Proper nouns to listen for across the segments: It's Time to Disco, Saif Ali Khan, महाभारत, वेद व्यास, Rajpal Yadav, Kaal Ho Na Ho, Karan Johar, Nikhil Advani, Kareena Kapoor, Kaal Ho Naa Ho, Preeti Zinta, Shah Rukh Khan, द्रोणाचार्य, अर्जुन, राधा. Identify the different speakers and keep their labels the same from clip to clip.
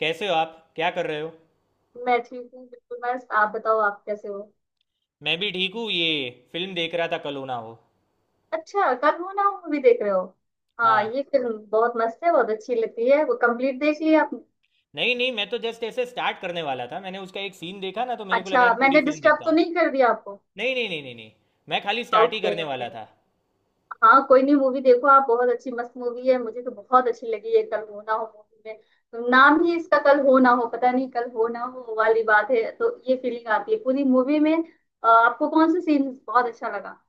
Speaker 1: कैसे हो आप? क्या कर रहे हो?
Speaker 2: मैं ठीक हूँ, बिल्कुल मस्त। आप बताओ, आप कैसे हो?
Speaker 1: मैं भी ठीक हूँ। ये फिल्म देख रहा था, कल हो ना हो।
Speaker 2: अच्छा, कल हो ना मूवी देख रहे हो? हाँ,
Speaker 1: हाँ।
Speaker 2: ये फिल्म बहुत मस्त है, बहुत अच्छी लगती है। वो कंप्लीट देख लिया आपने?
Speaker 1: नहीं, नहीं, मैं तो जस्ट ऐसे स्टार्ट करने वाला था। मैंने उसका एक सीन देखा ना, तो मेरे को
Speaker 2: अच्छा,
Speaker 1: लगा कि पूरी
Speaker 2: मैंने
Speaker 1: फिल्म
Speaker 2: डिस्टर्ब
Speaker 1: देखता
Speaker 2: तो
Speaker 1: हूँ।
Speaker 2: नहीं कर दिया आपको?
Speaker 1: नहीं, नहीं, नहीं, नहीं, नहीं। मैं खाली स्टार्ट ही
Speaker 2: ओके,
Speaker 1: करने वाला
Speaker 2: ओके,
Speaker 1: था।
Speaker 2: ओके। हाँ कोई नहीं, मूवी देखो आप। बहुत अच्छी मस्त मूवी है, मुझे तो बहुत अच्छी लगी है। कल हो ना हो मूवी में नाम ही इसका कल हो ना हो, पता नहीं कल हो ना हो वाली बात है, तो ये फीलिंग आती है पूरी मूवी में। आपको कौन सा सीन बहुत अच्छा लगा?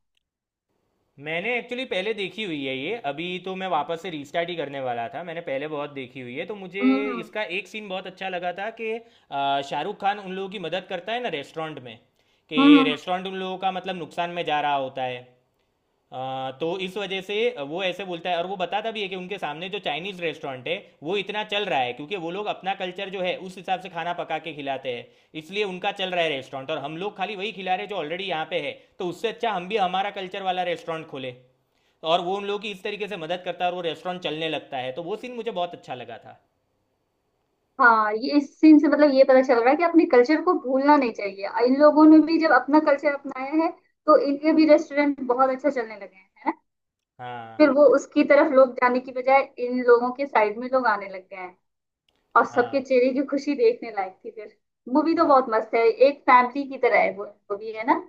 Speaker 1: मैंने एक्चुअली पहले देखी हुई है ये, अभी तो मैं वापस से रीस्टार्ट ही करने वाला था। मैंने पहले बहुत देखी हुई है तो मुझे
Speaker 2: हम्म, हम्म।
Speaker 1: इसका एक सीन बहुत अच्छा लगा था कि शाहरुख खान उन लोगों की मदद करता है ना, रेस्टोरेंट में।
Speaker 2: हम्म,
Speaker 1: कि रेस्टोरेंट उन लोगों का मतलब नुकसान में जा रहा होता है। तो इस वजह से वो ऐसे बोलता है, और वो बताता भी है कि उनके सामने जो चाइनीज रेस्टोरेंट है, वो इतना चल रहा है क्योंकि वो लोग अपना कल्चर जो है उस हिसाब से खाना पका के खिलाते हैं। इसलिए उनका चल रहा है रेस्टोरेंट, और हम लोग खाली वही खिला रहे हैं जो ऑलरेडी यहाँ पे है। तो उससे अच्छा हम भी हमारा कल्चर वाला रेस्टोरेंट खोले, और वो उन लोगों की इस तरीके से मदद करता है और वो रेस्टोरेंट चलने लगता है, तो वो सीन मुझे बहुत अच्छा लगा था।
Speaker 2: हाँ, ये इस सीन से मतलब ये पता चल रहा है कि अपने कल्चर को भूलना नहीं चाहिए। इन लोगों ने भी जब अपना कल्चर अपनाया है तो इनके भी रेस्टोरेंट बहुत अच्छा चलने लगे हैं, है ना?
Speaker 1: हाँ।
Speaker 2: फिर वो उसकी तरफ लोग जाने की बजाय इन लोगों के साइड में लोग आने लग गए हैं। और
Speaker 1: हाँ।
Speaker 2: सबके चेहरे की खुशी देखने लायक थी फिर। मूवी तो बहुत मस्त है, एक फैमिली की तरह है वो मूवी, है ना?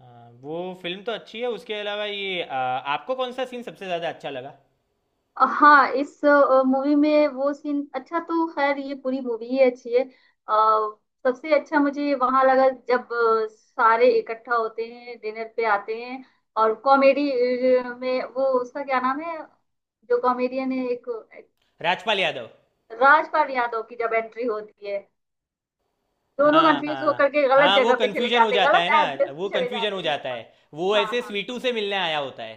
Speaker 1: हाँ, वो फिल्म तो अच्छी है। उसके अलावा ये आपको कौन सा सीन सबसे ज़्यादा अच्छा लगा?
Speaker 2: हाँ, इस मूवी में वो सीन अच्छा, तो खैर ये पूरी मूवी ही अच्छी है। सबसे अच्छा मुझे वहां लगा जब सारे इकट्ठा होते हैं, डिनर पे आते हैं और कॉमेडी में। वो उसका क्या नाम है, जो कॉमेडियन है एक,
Speaker 1: राजपाल यादव।
Speaker 2: राजपाल यादव की जब एंट्री होती है। दोनों
Speaker 1: हाँ,
Speaker 2: कंफ्यूज
Speaker 1: हाँ।
Speaker 2: होकर के गलत
Speaker 1: हाँ, वो
Speaker 2: जगह पे चले
Speaker 1: कंफ्यूजन हो
Speaker 2: जाते हैं,
Speaker 1: जाता है
Speaker 2: गलत एड्रेस
Speaker 1: ना, वो
Speaker 2: पे चले
Speaker 1: कंफ्यूजन हो
Speaker 2: जाते हैं।
Speaker 1: जाता है। वो
Speaker 2: हाँ।
Speaker 1: ऐसे
Speaker 2: हाँ हाँ
Speaker 1: स्वीटू से मिलने आया होता है।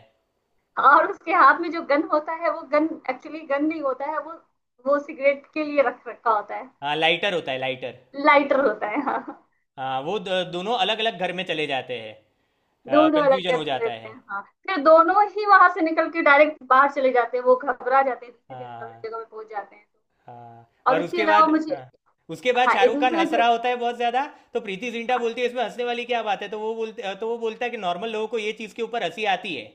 Speaker 2: और उसके हाथ में जो गन होता है, वो गन एक्चुअली गन नहीं होता है। वो सिगरेट के लिए रख रखा होता है।
Speaker 1: हाँ, लाइटर होता है, लाइटर।
Speaker 2: लाइटर होता है, हाँ।
Speaker 1: हाँ, वो दोनों अलग अलग घर में चले जाते हैं।
Speaker 2: दोनों अलग
Speaker 1: कंफ्यूजन
Speaker 2: कर
Speaker 1: हो जाता
Speaker 2: देते
Speaker 1: है।
Speaker 2: हैं, हाँ। फिर दोनों ही वहां से निकल के डायरेक्ट बाहर चले जाते हैं, वो घबरा जाते हैं, दूसरी जगह
Speaker 1: हाँ,
Speaker 2: जगह पे पहुंच जाते हैं।
Speaker 1: हाँ,
Speaker 2: और
Speaker 1: और
Speaker 2: उसके
Speaker 1: उसके
Speaker 2: अलावा
Speaker 1: बाद
Speaker 2: मुझे।
Speaker 1: हाँ, उसके बाद
Speaker 2: हाँ, ये
Speaker 1: शाहरुख खान
Speaker 2: दूसरा
Speaker 1: हंस रहा
Speaker 2: जो।
Speaker 1: होता है बहुत ज्यादा। तो प्रीति जिंटा
Speaker 2: हाँ,
Speaker 1: बोलती है इसमें हंसने वाली क्या बात है, तो वो बोलते, तो वो बोलता है कि नॉर्मल लोगों को ये चीज़ के ऊपर हंसी आती है।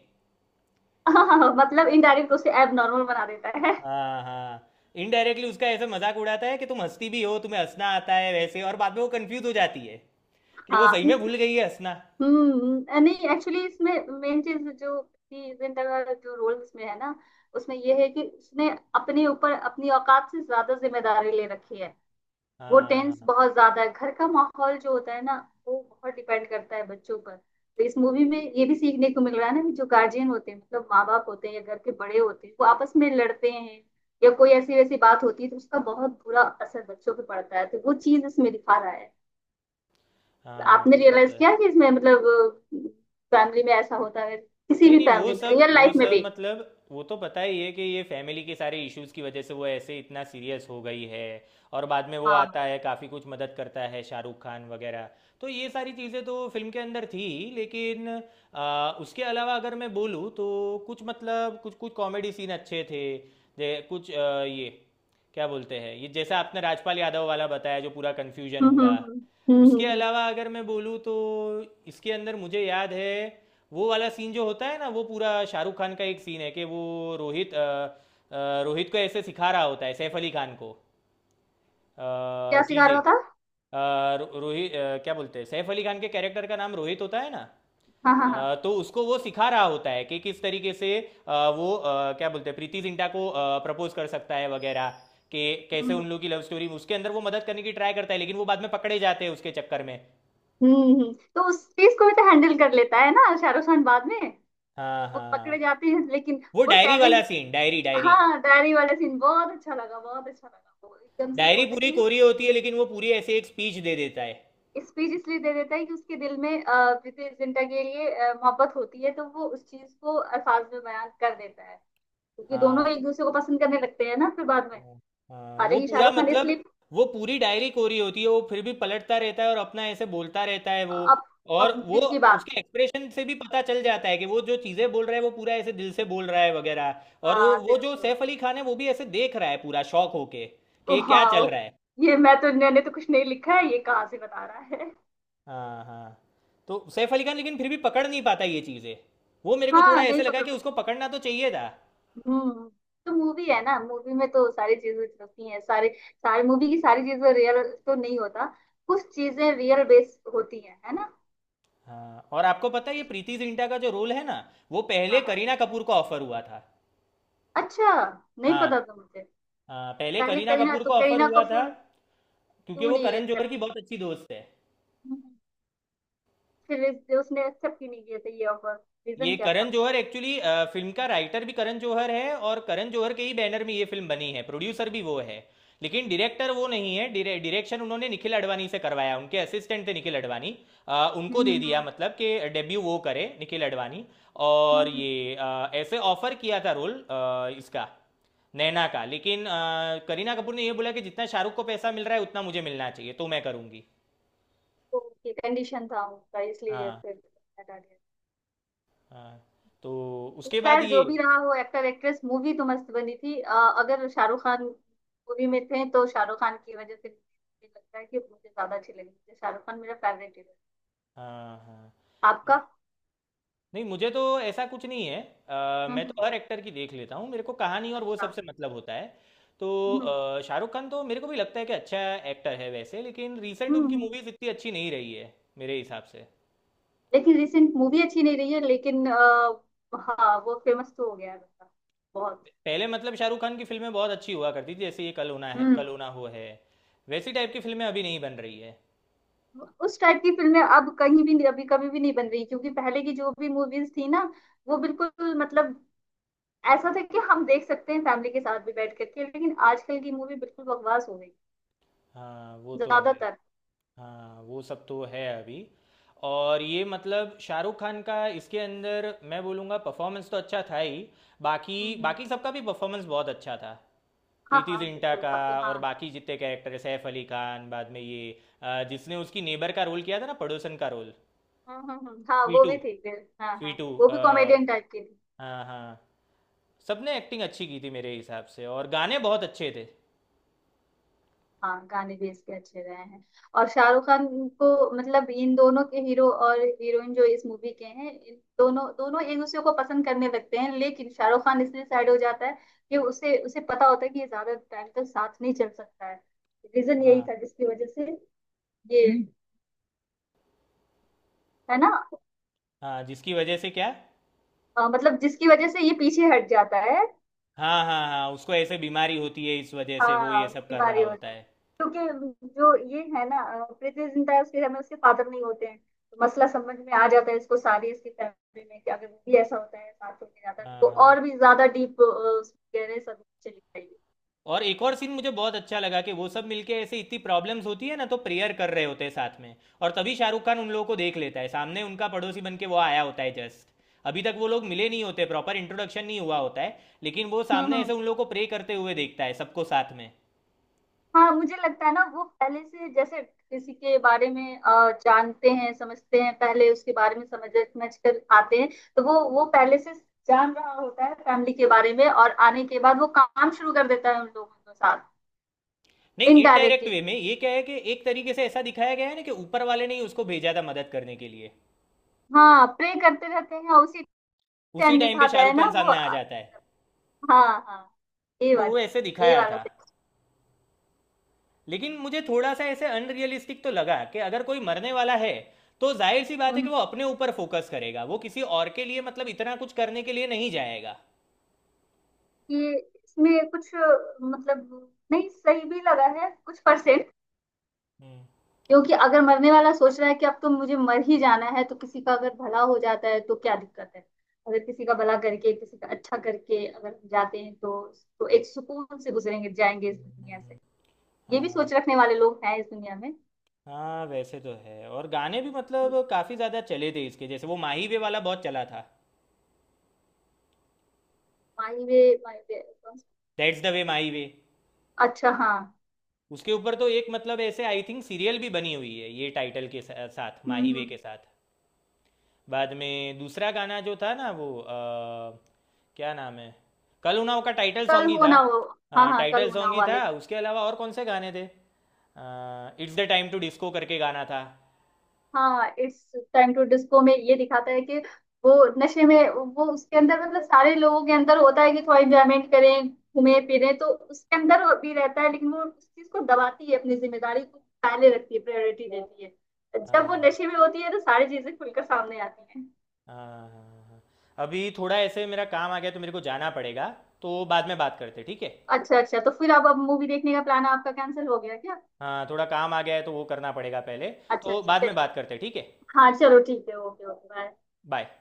Speaker 2: हाँ, हाँ, मतलब इनडायरेक्ट उसे एब नॉर्मल बना देता है।
Speaker 1: हाँ, हाँ। इनडायरेक्टली उसका ऐसे मजाक उड़ाता है कि तुम हंसती भी हो, तुम्हें हंसना आता है वैसे, और बाद में वो कंफ्यूज हो जाती है कि वो
Speaker 2: हाँ।
Speaker 1: सही में भूल गई है हंसना।
Speaker 2: नहीं, एक्चुअली इसमें मेन चीज जो कि जिंदा का जो रोल इसमें है ना, उसमें ये है कि उसने अपने ऊपर अपनी औकात से ज्यादा जिम्मेदारी ले रखी है। वो
Speaker 1: हाँ, हाँ,
Speaker 2: टेंस
Speaker 1: हाँ।
Speaker 2: बहुत ज्यादा है, घर का माहौल जो होता है ना, वो बहुत डिपेंड करता है बच्चों पर। तो इस मूवी में ये भी सीखने को मिल रहा है ना कि जो गार्जियन होते हैं, मतलब माँ बाप होते हैं या घर के बड़े होते हैं, वो आपस में लड़ते हैं या कोई ऐसी वैसी बात होती है, तो उसका बहुत बुरा असर बच्चों पे पड़ता है। तो वो चीज इसमें दिखा रहा है।
Speaker 1: हाँ,
Speaker 2: आपने
Speaker 1: वो बात तो
Speaker 2: रियलाइज
Speaker 1: है।
Speaker 2: किया कि इसमें मतलब फैमिली में ऐसा होता है, किसी
Speaker 1: नहीं,
Speaker 2: भी
Speaker 1: नहीं, वो
Speaker 2: फैमिली में,
Speaker 1: सब
Speaker 2: रियल
Speaker 1: वो
Speaker 2: लाइफ में
Speaker 1: सब
Speaker 2: भी?
Speaker 1: मतलब वो तो पता ही है कि ये फैमिली के सारे इश्यूज की वजह से वो ऐसे इतना सीरियस हो गई है। और बाद में वो
Speaker 2: हाँ।
Speaker 1: आता है, काफ़ी कुछ मदद करता है शाहरुख खान वगैरह। तो ये सारी चीज़ें तो फिल्म के अंदर थी, लेकिन उसके अलावा अगर मैं बोलूँ तो कुछ मतलब कुछ कुछ कॉमेडी सीन अच्छे थे। जे कुछ ये क्या बोलते हैं, ये जैसा आपने राजपाल यादव वाला बताया जो पूरा कन्फ्यूजन
Speaker 2: हम्म, हम्म,
Speaker 1: हुआ।
Speaker 2: हम्म, हम्म,
Speaker 1: उसके अलावा अगर मैं बोलूँ तो इसके अंदर मुझे याद है वो वाला सीन जो होता है ना, वो पूरा शाहरुख खान का एक सीन है कि वो रोहित रोहित को ऐसे सिखा रहा होता है, सैफ अली खान को। अ,
Speaker 2: क्या सिखा रहा
Speaker 1: चीजें।
Speaker 2: होता?
Speaker 1: क्या बोलते हैं, सैफ अली खान के कैरेक्टर का नाम रोहित होता है ना।
Speaker 2: हाँ, हाँ, हाँ।
Speaker 1: तो उसको वो सिखा रहा होता है कि किस तरीके से वो क्या बोलते हैं प्रीति जिंटा को प्रपोज कर सकता है वगैरह। कि कैसे
Speaker 2: हम्म,
Speaker 1: उन लोगों की लव स्टोरी, उसके अंदर वो मदद करने की ट्राई करता है लेकिन वो बाद में पकड़े जाते हैं उसके चक्कर में।
Speaker 2: हम्म, तो उस चीज को भी तो हैंडल कर लेता है ना शाहरुख खान बाद में।
Speaker 1: हाँ,
Speaker 2: वो
Speaker 1: हाँ।
Speaker 2: पकड़े जाते हैं लेकिन
Speaker 1: वो
Speaker 2: वो
Speaker 1: डायरी वाला
Speaker 2: टैलेंट।
Speaker 1: सीन, डायरी डायरी
Speaker 2: हाँ, डायरी वाला सीन बहुत अच्छा लगा, बहुत अच्छा लगा। वो एकदम से
Speaker 1: डायरी
Speaker 2: होता है
Speaker 1: पूरी
Speaker 2: क्योंकि
Speaker 1: कोरी होती है लेकिन वो पूरी ऐसे एक स्पीच दे देता है।
Speaker 2: स्पीच इसलिए दे देता है कि उसके दिल में प्रीति जिंटा के लिए मोहब्बत होती है, तो वो उस चीज को अल्फाज में बयान कर देता है। क्योंकि
Speaker 1: हाँ,
Speaker 2: दोनों एक दूसरे को पसंद करने लगते हैं ना फिर बाद में।
Speaker 1: हाँ। हाँ,
Speaker 2: आ
Speaker 1: वो
Speaker 2: जाएगी,
Speaker 1: पूरा
Speaker 2: शाहरुख खान
Speaker 1: मतलब
Speaker 2: इसलिए।
Speaker 1: वो पूरी डायरी कोरी होती है, वो फिर भी पलटता रहता है और अपना ऐसे बोलता रहता है वो।
Speaker 2: अब
Speaker 1: और
Speaker 2: अब
Speaker 1: वो
Speaker 2: दिल की बात।
Speaker 1: उसके एक्सप्रेशन से भी पता चल जाता है कि वो जो चीज़ें बोल रहा है वो पूरा ऐसे दिल से बोल रहा है वगैरह। और वो
Speaker 2: हाँ,
Speaker 1: वो
Speaker 2: दिल
Speaker 1: जो
Speaker 2: से बात।
Speaker 1: सैफ अली खान है, वो भी ऐसे देख रहा है पूरा शौक होके कि
Speaker 2: ओ
Speaker 1: ये क्या
Speaker 2: हाँ,
Speaker 1: चल
Speaker 2: ओ,
Speaker 1: रहा है।
Speaker 2: ये मैं तो मैंने तो कुछ नहीं लिखा है, ये कहाँ से बता रहा है?
Speaker 1: हाँ, हाँ। तो सैफ अली खान लेकिन फिर भी पकड़ नहीं पाता ये चीज़ें, वो मेरे को थोड़ा
Speaker 2: हाँ,
Speaker 1: ऐसे
Speaker 2: नहीं
Speaker 1: लगा
Speaker 2: पकड़
Speaker 1: कि उसको
Speaker 2: पाती।
Speaker 1: पकड़ना तो चाहिए था।
Speaker 2: हम्म। तो मूवी है ना, मूवी में तो सारी चीजें होती हैं, सारे सारी मूवी की सारी चीजें रियल तो नहीं होता। कुछ चीजें रियल बेस होती हैं, है ना?
Speaker 1: हाँ। और आपको पता है ये प्रीति जिंटा का जो रोल है ना, वो पहले
Speaker 2: हाँ, हाँ,
Speaker 1: करीना कपूर को ऑफर हुआ था।
Speaker 2: अच्छा, नहीं
Speaker 1: हाँ।
Speaker 2: पता था मुझे।
Speaker 1: हाँ, पहले
Speaker 2: पहले
Speaker 1: करीना
Speaker 2: करीना,
Speaker 1: कपूर
Speaker 2: तो
Speaker 1: को ऑफर
Speaker 2: करीना
Speaker 1: हुआ था
Speaker 2: कपूर
Speaker 1: क्योंकि
Speaker 2: क्यों
Speaker 1: वो
Speaker 2: नहीं
Speaker 1: करण जौहर
Speaker 2: एक्सेप्ट,
Speaker 1: की बहुत अच्छी दोस्त है।
Speaker 2: फिर उसने एक्सेप्ट क्यों नहीं किया था ये ऑफर? रीजन
Speaker 1: ये
Speaker 2: क्या
Speaker 1: करण
Speaker 2: था?
Speaker 1: जौहर एक्चुअली, फिल्म का राइटर भी करण जौहर है और करण जौहर के ही बैनर में ये फिल्म बनी है, प्रोड्यूसर भी वो है, लेकिन डायरेक्टर वो नहीं है। डायरेक्शन उन्होंने निखिल अडवाणी से करवाया, उनके असिस्टेंट थे निखिल अडवाणी। उनको दे दिया,
Speaker 2: हम्म,
Speaker 1: मतलब कि डेब्यू वो करे निखिल अडवाणी। और
Speaker 2: हम्म।
Speaker 1: ये ऐसे ऑफर किया था रोल इसका, नैना का। लेकिन करीना कपूर ने ये बोला कि जितना शाहरुख को पैसा मिल रहा है उतना मुझे मिलना चाहिए तो मैं करूँगी।
Speaker 2: ओके, कंडीशन था उनका, इसलिए
Speaker 1: हाँ।
Speaker 2: फिर हटा दिया।
Speaker 1: हाँ, तो
Speaker 2: तो
Speaker 1: उसके बाद
Speaker 2: खैर
Speaker 1: ये
Speaker 2: जो भी रहा वो एक्टर एक्ट्रेस, मूवी तो मस्त बनी थी। अगर शाहरुख खान मूवी में थे तो शाहरुख खान की वजह से मुझे लगता है कि मुझे ज्यादा अच्छी लगी। मुझे शाहरुख खान मेरा फेवरेट हीरो
Speaker 1: हाँ, हाँ।
Speaker 2: है। आपका?
Speaker 1: नहीं, मुझे तो ऐसा कुछ नहीं है। मैं
Speaker 2: हम्म।
Speaker 1: तो हर एक्टर की देख लेता हूँ, मेरे को कहानी और वो
Speaker 2: अच्छा।
Speaker 1: सबसे मतलब होता है। तो
Speaker 2: हम्म,
Speaker 1: शाहरुख खान तो मेरे को भी लगता है कि अच्छा एक्टर है वैसे, लेकिन रिसेंट
Speaker 2: हम्म,
Speaker 1: उनकी मूवीज इतनी अच्छी नहीं रही है, मेरे हिसाब से।
Speaker 2: लेकिन रिसेंट मूवी अच्छी नहीं रही है लेकिन हाँ, वो फेमस तो हो गया है बंदा बहुत।
Speaker 1: पहले मतलब शाहरुख खान की फिल्में बहुत अच्छी हुआ करती थी, जैसे ये कल होना है,
Speaker 2: हम्म।
Speaker 1: कल होना हो है, वैसी टाइप की फिल्में अभी नहीं बन रही है।
Speaker 2: उस टाइप की फिल्में अब कहीं भी अभी कभी भी नहीं बन रही, क्योंकि पहले की जो भी मूवीज थी ना, वो बिल्कुल मतलब ऐसा था कि हम देख सकते हैं फैमिली के साथ भी बैठ करके। लेकिन आजकल की मूवी बिल्कुल बकवास हो गई
Speaker 1: हाँ, वो तो है।
Speaker 2: ज्यादातर।
Speaker 1: हाँ, वो सब तो है अभी। और ये मतलब शाहरुख खान का इसके अंदर मैं बोलूँगा परफॉर्मेंस तो अच्छा था ही, बाकी
Speaker 2: हम्म,
Speaker 1: बाकी सबका भी परफॉर्मेंस बहुत अच्छा था।
Speaker 2: हाँ,
Speaker 1: प्रीति
Speaker 2: हाँ,
Speaker 1: जिंटा
Speaker 2: बिल्कुल
Speaker 1: का,
Speaker 2: सबको, हाँ।
Speaker 1: और बाकी जितने कैरेक्टर है, सैफ अली खान, बाद में ये जिसने उसकी नेबर का रोल किया था ना, पड़ोसन का रोल।
Speaker 2: हाँ, हाँ, हाँ, हाँ, वो
Speaker 1: स्वीटू।
Speaker 2: भी ठीक है। हाँ, हाँ,
Speaker 1: स्वीटू
Speaker 2: वो भी कॉमेडियन टाइप की थी।
Speaker 1: हाँ, हाँ। सबने एक्टिंग अच्छी की थी मेरे हिसाब से, और गाने बहुत अच्छे थे।
Speaker 2: हाँ, गाने भी इसके अच्छे रहे हैं। और शाहरुख खान को मतलब इन दोनों के हीरो और हीरोइन जो इस मूवी के हैं, इन दोनों दोनों एक दूसरे को पसंद करने लगते हैं लेकिन शाहरुख खान इसलिए साइड हो जाता है कि उसे उसे पता होता है कि ये ज्यादा टाइम तक साथ नहीं चल सकता है। रीजन यही
Speaker 1: हाँ,
Speaker 2: था जिसकी वजह से ये। हम्म। है ना?
Speaker 1: हाँ। जिसकी वजह से क्या?
Speaker 2: मतलब जिसकी वजह से ये पीछे हट जाता है।
Speaker 1: हाँ, हाँ, हाँ, उसको ऐसे बीमारी होती है, इस वजह से वो
Speaker 2: हाँ,
Speaker 1: ये सब
Speaker 2: उसकी
Speaker 1: कर रहा
Speaker 2: बारी
Speaker 1: होता
Speaker 2: होती,
Speaker 1: है।
Speaker 2: क्योंकि जो ये है ना, पृथ्वी जिंटा है, उसके घर में उसके फादर नहीं होते हैं, तो मसला समझ में आ जाता है इसको सारी, इसकी फैमिली में कि अगर वो भी ऐसा होता है, साथ होके जाता है,
Speaker 1: हाँ,
Speaker 2: तो
Speaker 1: हाँ।
Speaker 2: और भी ज्यादा डीप गहरे सब चली जाएगी।
Speaker 1: और एक और सीन मुझे बहुत अच्छा लगा कि वो सब मिलके ऐसे इतनी प्रॉब्लम्स होती है ना, तो प्रेयर कर रहे होते हैं साथ में। और तभी शाहरुख खान उन लोगों को देख लेता है सामने, उनका पड़ोसी बन के वो आया होता है जस्ट। अभी तक वो लोग मिले नहीं होते, प्रॉपर इंट्रोडक्शन नहीं हुआ होता है, लेकिन वो
Speaker 2: हम्म,
Speaker 1: सामने ऐसे
Speaker 2: हम्म।
Speaker 1: उन लोगों को प्रे करते हुए देखता है सबको साथ में।
Speaker 2: हाँ, मुझे लगता है ना वो पहले से जैसे किसी के बारे में जानते हैं, समझते हैं, पहले उसके बारे में समझ समझ कर आते हैं। तो वो पहले से जान रहा होता है फैमिली के बारे में, और आने के बाद वो काम शुरू कर देता है उन लोगों के साथ।
Speaker 1: नहीं, इनडायरेक्ट
Speaker 2: इनडायरेक्टली,
Speaker 1: वे में ये क्या है कि एक तरीके से ऐसा दिखाया गया है ना कि ऊपर वाले ने ही उसको भेजा था मदद करने के लिए।
Speaker 2: हाँ, प्रे करते रहते हैं और उसी
Speaker 1: उसी
Speaker 2: टाइम
Speaker 1: टाइम पे
Speaker 2: दिखाता है
Speaker 1: शाहरुख खान
Speaker 2: ना वो।
Speaker 1: सामने आ जाता है।
Speaker 2: हाँ, हाँ,
Speaker 1: तो वो ऐसे
Speaker 2: ये
Speaker 1: दिखाया
Speaker 2: वाला
Speaker 1: था,
Speaker 2: सही।
Speaker 1: लेकिन मुझे थोड़ा सा ऐसे अनरियलिस्टिक तो लगा कि अगर कोई मरने वाला है तो जाहिर सी
Speaker 2: हम्म,
Speaker 1: बात है कि
Speaker 2: हम्म,
Speaker 1: वो अपने ऊपर फोकस करेगा, वो किसी और के लिए मतलब इतना कुछ करने के लिए नहीं जाएगा।
Speaker 2: ये इसमें कुछ मतलब नहीं, सही भी लगा है कुछ परसेंट।
Speaker 1: हम्म।
Speaker 2: क्योंकि अगर मरने वाला सोच रहा है कि अब तो मुझे मर ही जाना है तो किसी का अगर भला हो जाता है तो क्या दिक्कत है? अगर किसी का भला करके किसी का अच्छा करके अगर हम जाते हैं तो एक सुकून से गुजरेंगे, जाएंगे इस दुनिया से। ये भी
Speaker 1: हाँ,
Speaker 2: सोच रखने वाले लोग हैं इस दुनिया में।
Speaker 1: हाँ, वैसे तो है। और गाने भी मतलब काफ़ी ज़्यादा चले थे इसके, जैसे वो माही वे वाला बहुत चला था।
Speaker 2: Mahi way, Mahi way,
Speaker 1: that's the way Mahi way.
Speaker 2: अच्छा, हाँ।
Speaker 1: उसके ऊपर तो एक मतलब ऐसे आई थिंक सीरियल भी बनी हुई है ये टाइटल के साथ,
Speaker 2: हम्म,
Speaker 1: माही वे के साथ। बाद में दूसरा गाना जो था ना वो क्या नाम है, कल उनाव का टाइटल
Speaker 2: कल
Speaker 1: सॉन्ग ही
Speaker 2: हो
Speaker 1: था।
Speaker 2: ना हो। हाँ, हाँ, कल
Speaker 1: टाइटल
Speaker 2: हो ना
Speaker 1: सॉन्ग
Speaker 2: हो
Speaker 1: ही था,
Speaker 2: वाले।
Speaker 1: उसके अलावा और कौन से गाने थे? It's the time to disco करके गाना था।
Speaker 2: हाँ, इट्स टाइम टू डिस्को में ये दिखाता है कि वो नशे में, वो उसके अंदर मतलब सारे लोगों के अंदर होता है कि थोड़ा एंजॉयमेंट करें, घूमें फिरें, तो उसके अंदर वो भी रहता है। लेकिन वो उस चीज को दबाती है, अपनी जिम्मेदारी को पहले रखती है, प्रायोरिटी देती है। जब वो
Speaker 1: हाँ,
Speaker 2: नशे में होती है तो सारी चीजें खुलकर सामने आती हैं।
Speaker 1: हाँ, हाँ, हाँ। अभी थोड़ा ऐसे मेरा काम आ गया तो मेरे को जाना पड़ेगा, तो बाद में बात करते, ठीक है?
Speaker 2: अच्छा, अच्छा, तो फिर अब मूवी देखने का प्लान आपका कैंसिल हो गया क्या?
Speaker 1: हाँ, थोड़ा काम आ गया है तो वो करना पड़ेगा पहले।
Speaker 2: अच्छा,
Speaker 1: तो
Speaker 2: अच्छा,
Speaker 1: बाद में
Speaker 2: चलिए।
Speaker 1: बात करते, ठीक है?
Speaker 2: हाँ, चलो ठीक है, ओके, ओके, बाय।
Speaker 1: बाय।